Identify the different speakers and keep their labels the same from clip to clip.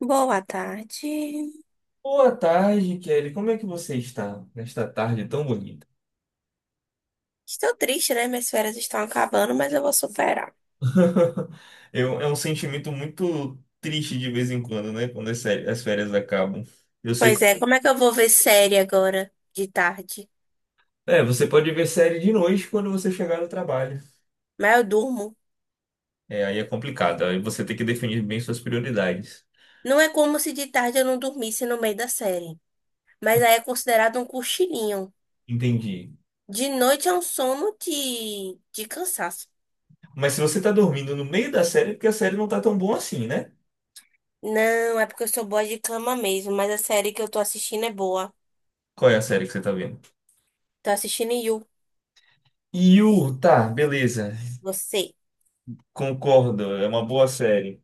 Speaker 1: Boa tarde.
Speaker 2: Boa tarde, Kelly. Como é que você está nesta tarde tão bonita?
Speaker 1: Estou triste, né? Minhas férias estão acabando, mas eu vou superar.
Speaker 2: É um sentimento muito triste de vez em quando, né? Quando as férias acabam. Eu sei.
Speaker 1: Pois é, como é que eu vou ver série agora de tarde?
Speaker 2: É, você pode ver série de noite quando você chegar no trabalho.
Speaker 1: Mas eu durmo.
Speaker 2: É, aí é complicado. Aí você tem que definir bem suas prioridades.
Speaker 1: Não é como se de tarde eu não dormisse no meio da série. Mas aí é considerado um cochilinho.
Speaker 2: Entendi.
Speaker 1: De noite é um sono de cansaço.
Speaker 2: Mas se você tá dormindo no meio da série, é porque a série não tá tão boa assim, né?
Speaker 1: Não, é porque eu sou boa de cama mesmo, mas a série que eu tô assistindo é boa.
Speaker 2: Qual é a série que você tá vendo?
Speaker 1: Tô assistindo You,
Speaker 2: Yu, tá, beleza.
Speaker 1: você.
Speaker 2: Concordo, é uma boa série.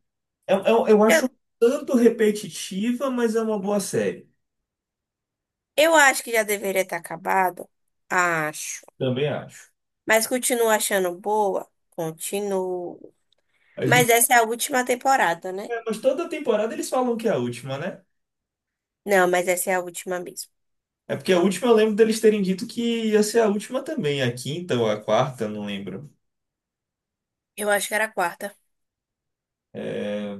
Speaker 2: Eu
Speaker 1: Eu,
Speaker 2: acho um tanto repetitiva, mas é uma boa série.
Speaker 1: eu acho que já deveria ter acabado. Acho.
Speaker 2: Também acho.
Speaker 1: Mas continuo achando boa? Continuo.
Speaker 2: A
Speaker 1: Mas
Speaker 2: gente,
Speaker 1: essa é a última temporada, né?
Speaker 2: é, mas toda temporada eles falam que é a última, né?
Speaker 1: Não, mas essa é a última mesmo.
Speaker 2: É porque a última eu lembro deles terem dito que ia ser a última também, a quinta ou a quarta, não lembro.
Speaker 1: Eu acho que era a quarta.
Speaker 2: É,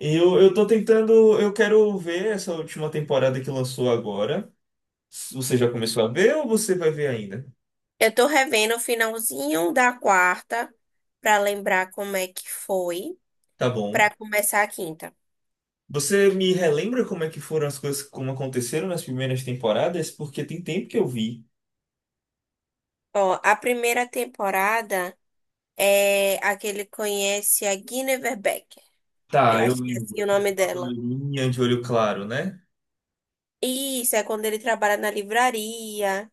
Speaker 2: e eu tô tentando, eu quero ver essa última temporada que lançou agora. Você já começou a ver ou você vai ver ainda?
Speaker 1: Eu tô revendo o finalzinho da quarta pra lembrar como é que foi
Speaker 2: Tá bom.
Speaker 1: pra começar a quinta.
Speaker 2: Você me relembra como é que foram as coisas, como aconteceram nas primeiras temporadas? Porque tem tempo que eu vi.
Speaker 1: Ó, a primeira temporada é a que ele conhece a Guinevere Becker.
Speaker 2: Tá,
Speaker 1: Eu
Speaker 2: eu
Speaker 1: acho que é assim
Speaker 2: lembro
Speaker 1: o
Speaker 2: que era
Speaker 1: nome
Speaker 2: uma
Speaker 1: dela.
Speaker 2: loirinha de olho claro, né?
Speaker 1: Isso, é quando ele trabalha na livraria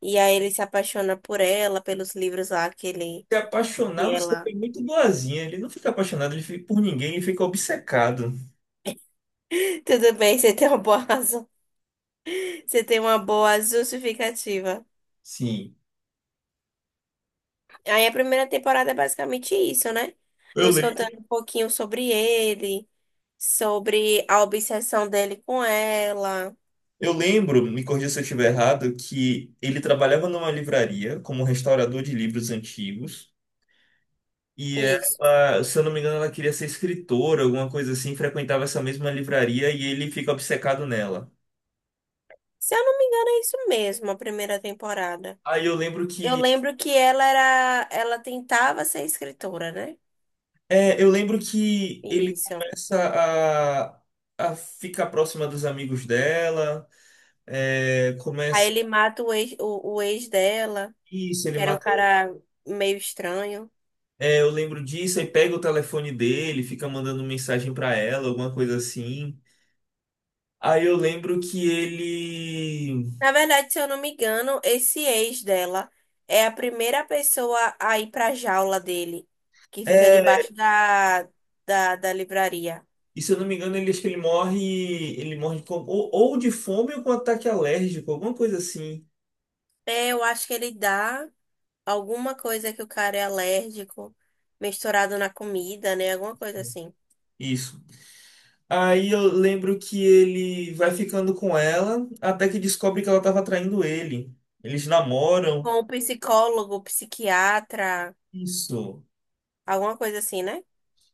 Speaker 1: e aí ele se apaixona por ela, pelos livros lá que ele
Speaker 2: Se apaixonar,
Speaker 1: e
Speaker 2: você
Speaker 1: ela.
Speaker 2: foi muito boazinha. Ele não fica apaixonado por ninguém, ele fica obcecado.
Speaker 1: Tudo bem, você tem uma boa razão. Você tem uma boa justificativa.
Speaker 2: Sim.
Speaker 1: Aí a primeira temporada é basicamente isso, né?
Speaker 2: Eu,
Speaker 1: Nos
Speaker 2: le
Speaker 1: contando um pouquinho sobre ele, sobre a obsessão dele com ela.
Speaker 2: eu lembro, me corrija se eu estiver errado, que ele trabalhava numa livraria como restaurador de livros antigos. E
Speaker 1: Isso.
Speaker 2: ela, se eu não me engano, ela queria ser escritora, alguma coisa assim, frequentava essa mesma livraria e ele fica obcecado nela.
Speaker 1: Se eu não me engano, é isso mesmo, a primeira temporada.
Speaker 2: Aí eu lembro
Speaker 1: Eu
Speaker 2: que
Speaker 1: lembro que ela era, ela tentava ser escritora, né?
Speaker 2: É, eu lembro que ele
Speaker 1: Isso.
Speaker 2: começa a, a ficar próxima dos amigos dela, é,
Speaker 1: Aí
Speaker 2: começa
Speaker 1: ele mata o ex, o ex dela,
Speaker 2: isso, ele
Speaker 1: que era um
Speaker 2: mata.
Speaker 1: cara meio estranho.
Speaker 2: É, eu lembro disso, aí pega o telefone dele, fica mandando mensagem pra ela, alguma coisa assim. Aí eu lembro que ele.
Speaker 1: Na verdade, se eu não me engano, esse ex dela é a primeira pessoa a ir pra jaula dele, que fica
Speaker 2: É,
Speaker 1: debaixo da livraria.
Speaker 2: e se eu não me engano, ele acho que ele morre. Ele morre ou de fome ou com ataque alérgico, alguma coisa assim.
Speaker 1: É, eu acho que ele dá alguma coisa que o cara é alérgico, misturado na comida, né? Alguma coisa assim.
Speaker 2: Isso. Aí eu lembro que ele vai ficando com ela até que descobre que ela estava traindo ele. Eles namoram.
Speaker 1: Com o psicólogo, psiquiatra,
Speaker 2: Isso,
Speaker 1: alguma coisa assim, né?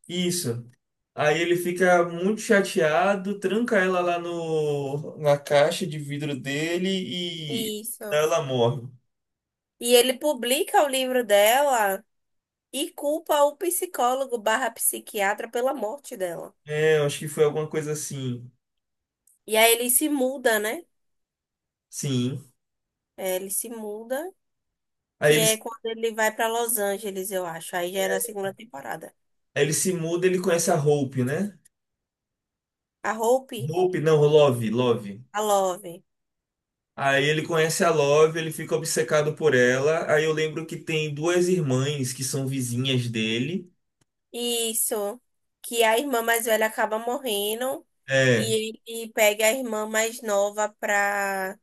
Speaker 2: isso. Aí ele fica muito chateado, tranca ela lá no, na caixa de vidro dele e
Speaker 1: Isso.
Speaker 2: ela morre.
Speaker 1: E ele publica o livro dela e culpa o psicólogo barra psiquiatra pela morte dela.
Speaker 2: É, eu acho que foi alguma coisa assim.
Speaker 1: E aí ele se muda, né?
Speaker 2: Sim.
Speaker 1: É, ele se muda,
Speaker 2: Aí
Speaker 1: que
Speaker 2: ele,
Speaker 1: é quando ele vai pra Los Angeles, eu acho. Aí já é na segunda temporada.
Speaker 2: aí ele se muda, ele conhece a Hope, né?
Speaker 1: A Hope,
Speaker 2: Hope, não, Love, Love.
Speaker 1: a Love.
Speaker 2: Aí ele conhece a Love, ele fica obcecado por ela. Aí eu lembro que tem duas irmãs que são vizinhas dele.
Speaker 1: Isso. Que é a irmã mais velha acaba morrendo
Speaker 2: É.
Speaker 1: e ele pega a irmã mais nova pra,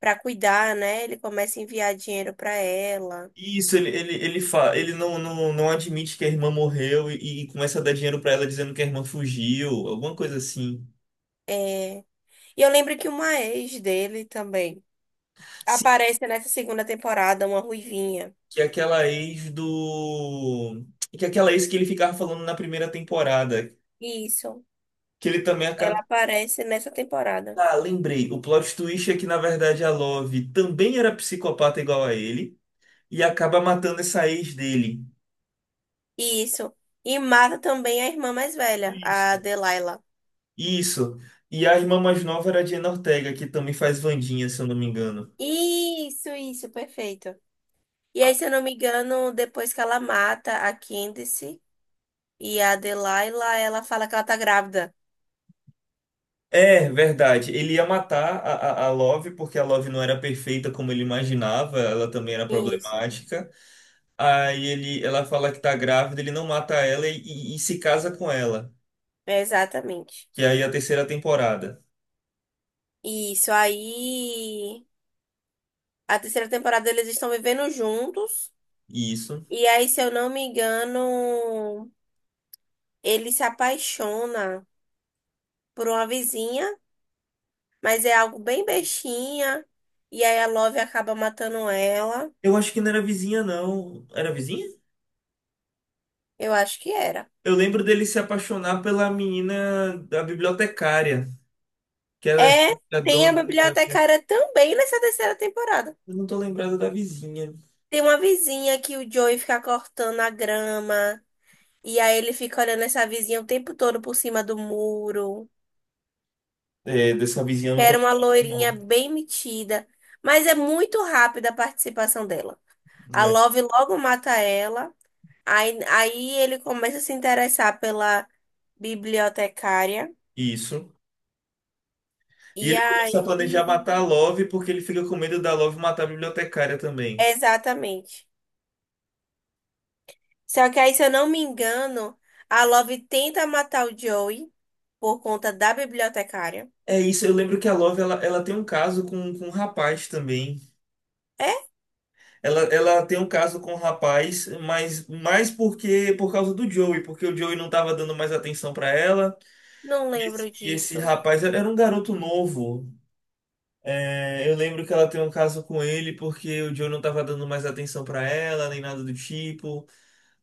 Speaker 1: pra cuidar, né? Ele começa a enviar dinheiro pra ela.
Speaker 2: Isso, ele não, não, não admite que a irmã morreu e começa a dar dinheiro pra ela dizendo que a irmã fugiu, alguma coisa assim.
Speaker 1: É. E eu lembro que uma ex dele também
Speaker 2: Sim,
Speaker 1: aparece nessa segunda temporada, uma ruivinha.
Speaker 2: que é aquela ex do. Que é aquela ex que ele ficava falando na primeira temporada.
Speaker 1: Isso.
Speaker 2: Que ele também
Speaker 1: Ela
Speaker 2: acaba.
Speaker 1: aparece nessa temporada.
Speaker 2: Ah, lembrei. O plot twist é que, na verdade, a Love também era psicopata igual a ele e acaba matando essa ex dele.
Speaker 1: Isso. E mata também a irmã mais velha, a
Speaker 2: Isso.
Speaker 1: Delilah.
Speaker 2: Isso. E a irmã mais nova era a Jenna Ortega, que também faz Wandinha, se eu não me engano.
Speaker 1: Isso, perfeito. E aí, se eu não me engano, depois que ela mata a Candice e a Delilah, ela fala que ela tá grávida.
Speaker 2: É, verdade. Ele ia matar a Love porque a Love não era perfeita como ele imaginava, ela também era
Speaker 1: Isso.
Speaker 2: problemática. Ela fala que tá grávida, ele não mata ela e se casa com ela,
Speaker 1: Exatamente.
Speaker 2: que aí é a terceira temporada.
Speaker 1: Isso. Aí, a terceira temporada eles estão vivendo juntos.
Speaker 2: Isso.
Speaker 1: E aí, se eu não me engano, ele se apaixona por uma vizinha, mas é algo bem bestinha. E aí, a Love acaba matando ela.
Speaker 2: Eu acho que não era vizinha, não. Era vizinha?
Speaker 1: Eu acho que era.
Speaker 2: Eu lembro dele se apaixonar pela menina da bibliotecária, que era
Speaker 1: É,
Speaker 2: a
Speaker 1: tem a
Speaker 2: dona da bibliotecária.
Speaker 1: bibliotecária também nessa terceira temporada.
Speaker 2: Eu não tô lembrado da vizinha.
Speaker 1: Tem uma vizinha que o Joey fica cortando a grama. E aí ele fica olhando essa vizinha o tempo todo por cima do muro.
Speaker 2: É, dessa vizinha eu
Speaker 1: Que
Speaker 2: não tô
Speaker 1: era uma
Speaker 2: lembrado,
Speaker 1: loirinha
Speaker 2: não,
Speaker 1: bem metida. Mas é muito rápida a participação dela. A
Speaker 2: né?
Speaker 1: Love logo mata ela. Aí ele começa a se interessar pela bibliotecária.
Speaker 2: Isso. E
Speaker 1: E
Speaker 2: ele começa a planejar matar a
Speaker 1: aí.
Speaker 2: Love porque ele fica com medo da Love matar a bibliotecária também.
Speaker 1: Exatamente. Só que aí, se eu não me engano, a Love tenta matar o Joey por conta da bibliotecária.
Speaker 2: É isso, eu lembro que ela tem um caso com um rapaz também.
Speaker 1: É?
Speaker 2: Ela tem um caso com um rapaz, mas mais porque por causa do Joey, porque o Joey não tava dando mais atenção pra ela.
Speaker 1: Não lembro
Speaker 2: E esse
Speaker 1: disso.
Speaker 2: rapaz era um garoto novo. É, eu lembro que ela tem um caso com ele porque o Joe não tava dando mais atenção pra ela, nem nada do tipo.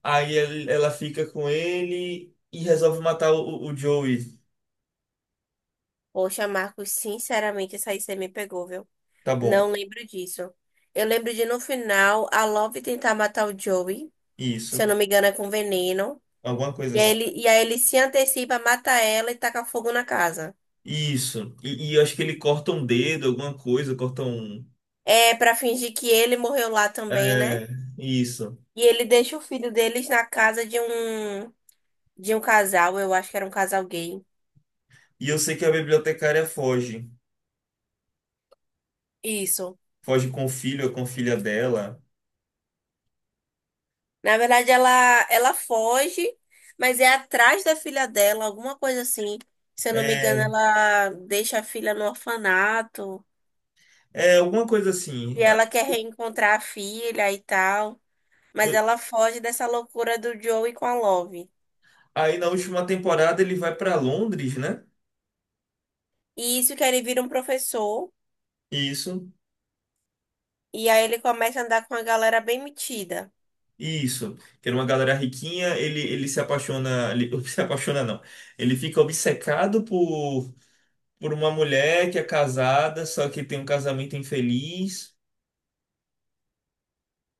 Speaker 2: Ela fica com ele e resolve matar o Joey.
Speaker 1: Poxa, Marcos, sinceramente, essa aí você me pegou, viu?
Speaker 2: Tá bom,
Speaker 1: Não lembro disso. Eu lembro de no final a Love tentar matar o Joey, se
Speaker 2: isso.
Speaker 1: eu não me engano, é com veneno.
Speaker 2: Alguma coisa
Speaker 1: E aí
Speaker 2: assim.
Speaker 1: ele, e aí ele se antecipa, mata ela e taca fogo na casa.
Speaker 2: Isso. E eu acho que ele corta um dedo, alguma coisa, corta um.
Speaker 1: É pra fingir que ele morreu lá também, né?
Speaker 2: É, isso.
Speaker 1: E ele deixa o filho deles na casa de um casal, eu acho que era um casal gay.
Speaker 2: E eu sei que a bibliotecária foge.
Speaker 1: Isso.
Speaker 2: Foge com o filho ou com a filha dela.
Speaker 1: Na verdade, ela foge, mas é atrás da filha dela, alguma coisa assim. Se eu não me engano,
Speaker 2: É,
Speaker 1: ela deixa a filha no orfanato
Speaker 2: é alguma coisa
Speaker 1: e
Speaker 2: assim.
Speaker 1: ela quer reencontrar a filha e tal. Mas
Speaker 2: Eu-
Speaker 1: ela foge dessa loucura do Joey com a Love.
Speaker 2: Aí na última temporada ele vai pra Londres, né?
Speaker 1: E isso que ele vira um professor.
Speaker 2: Isso,
Speaker 1: E aí ele começa a andar com uma galera bem metida.
Speaker 2: isso. Que era uma galera riquinha, ele se apaixona, ele se apaixona não. Ele fica obcecado por uma mulher que é casada, só que tem um casamento infeliz.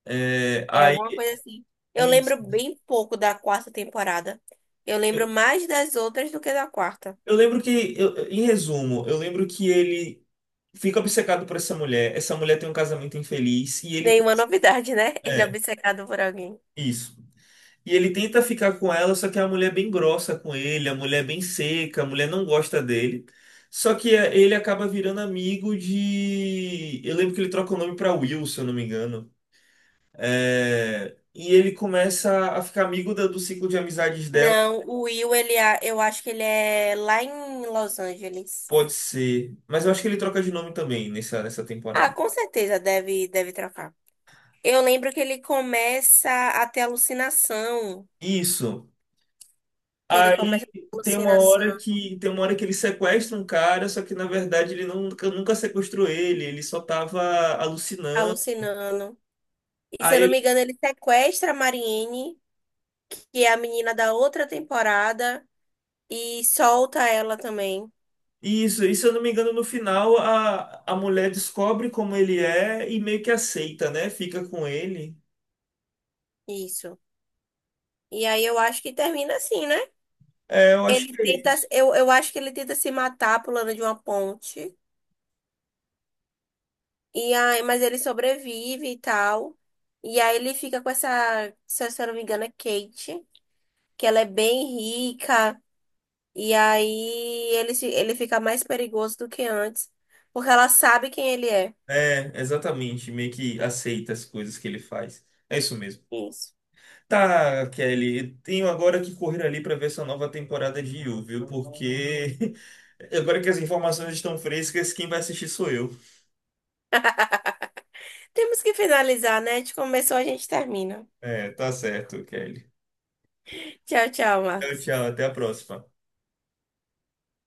Speaker 2: É,
Speaker 1: É
Speaker 2: aí,
Speaker 1: alguma coisa assim. Eu
Speaker 2: isso.
Speaker 1: lembro bem pouco da quarta temporada. Eu
Speaker 2: eu,
Speaker 1: lembro mais das outras do que da quarta.
Speaker 2: eu lembro que, em resumo, eu lembro que ele fica obcecado por essa mulher. Essa mulher tem um casamento infeliz
Speaker 1: Nenhuma novidade, né? Ele é
Speaker 2: é,
Speaker 1: obcecado por alguém.
Speaker 2: isso. E ele tenta ficar com ela, só que a mulher é bem grossa com ele, a mulher é bem seca, a mulher não gosta dele. Só que é, ele acaba virando amigo de. Eu lembro que ele troca o nome pra Will, se eu não me engano. É, e ele começa a ficar amigo do ciclo de amizades dela,
Speaker 1: Não, o Will, ele, é- eu acho que ele é lá em Los Angeles.
Speaker 2: pode ser. Mas eu acho que ele troca de nome também nessa
Speaker 1: Ah,
Speaker 2: temporada.
Speaker 1: com certeza deve, deve trocar. Eu lembro que ele começa a ter alucinação.
Speaker 2: Isso.
Speaker 1: Que ele começa
Speaker 2: Aí
Speaker 1: a ter alucinação,
Speaker 2: tem uma hora que ele sequestra um cara, só que na verdade ele nunca, nunca sequestrou ele, ele só tava alucinando.
Speaker 1: alucinando. E se eu não
Speaker 2: Aí
Speaker 1: me engano, ele sequestra a Marianne, que é a menina da outra temporada, e solta ela também.
Speaker 2: isso, e se eu não me engano, no final a mulher descobre como ele é e meio que aceita, né? Fica com ele.
Speaker 1: Isso. E aí eu acho que termina assim, né?
Speaker 2: É, eu acho
Speaker 1: Ele
Speaker 2: que é
Speaker 1: tenta,
Speaker 2: isso.
Speaker 1: eu acho que ele tenta se matar pulando de uma ponte. E aí, mas ele sobrevive e tal. E aí ele fica com essa, se eu não me engano, é Kate, que ela é bem rica. E aí ele, se- ele fica mais perigoso do que antes, porque ela sabe quem ele é.
Speaker 2: É, exatamente, meio que aceita as coisas que ele faz. É isso mesmo.
Speaker 1: Isso.
Speaker 2: Tá, Kelly, eu tenho agora que correr ali para ver essa nova temporada de You, viu? Porque agora que as informações estão frescas, quem vai assistir sou eu.
Speaker 1: Temos que finalizar, né? A gente começou, a gente termina.
Speaker 2: É, tá certo, Kelly.
Speaker 1: Tchau, tchau,
Speaker 2: Tchau,
Speaker 1: Marcos.
Speaker 2: tchau, até a próxima.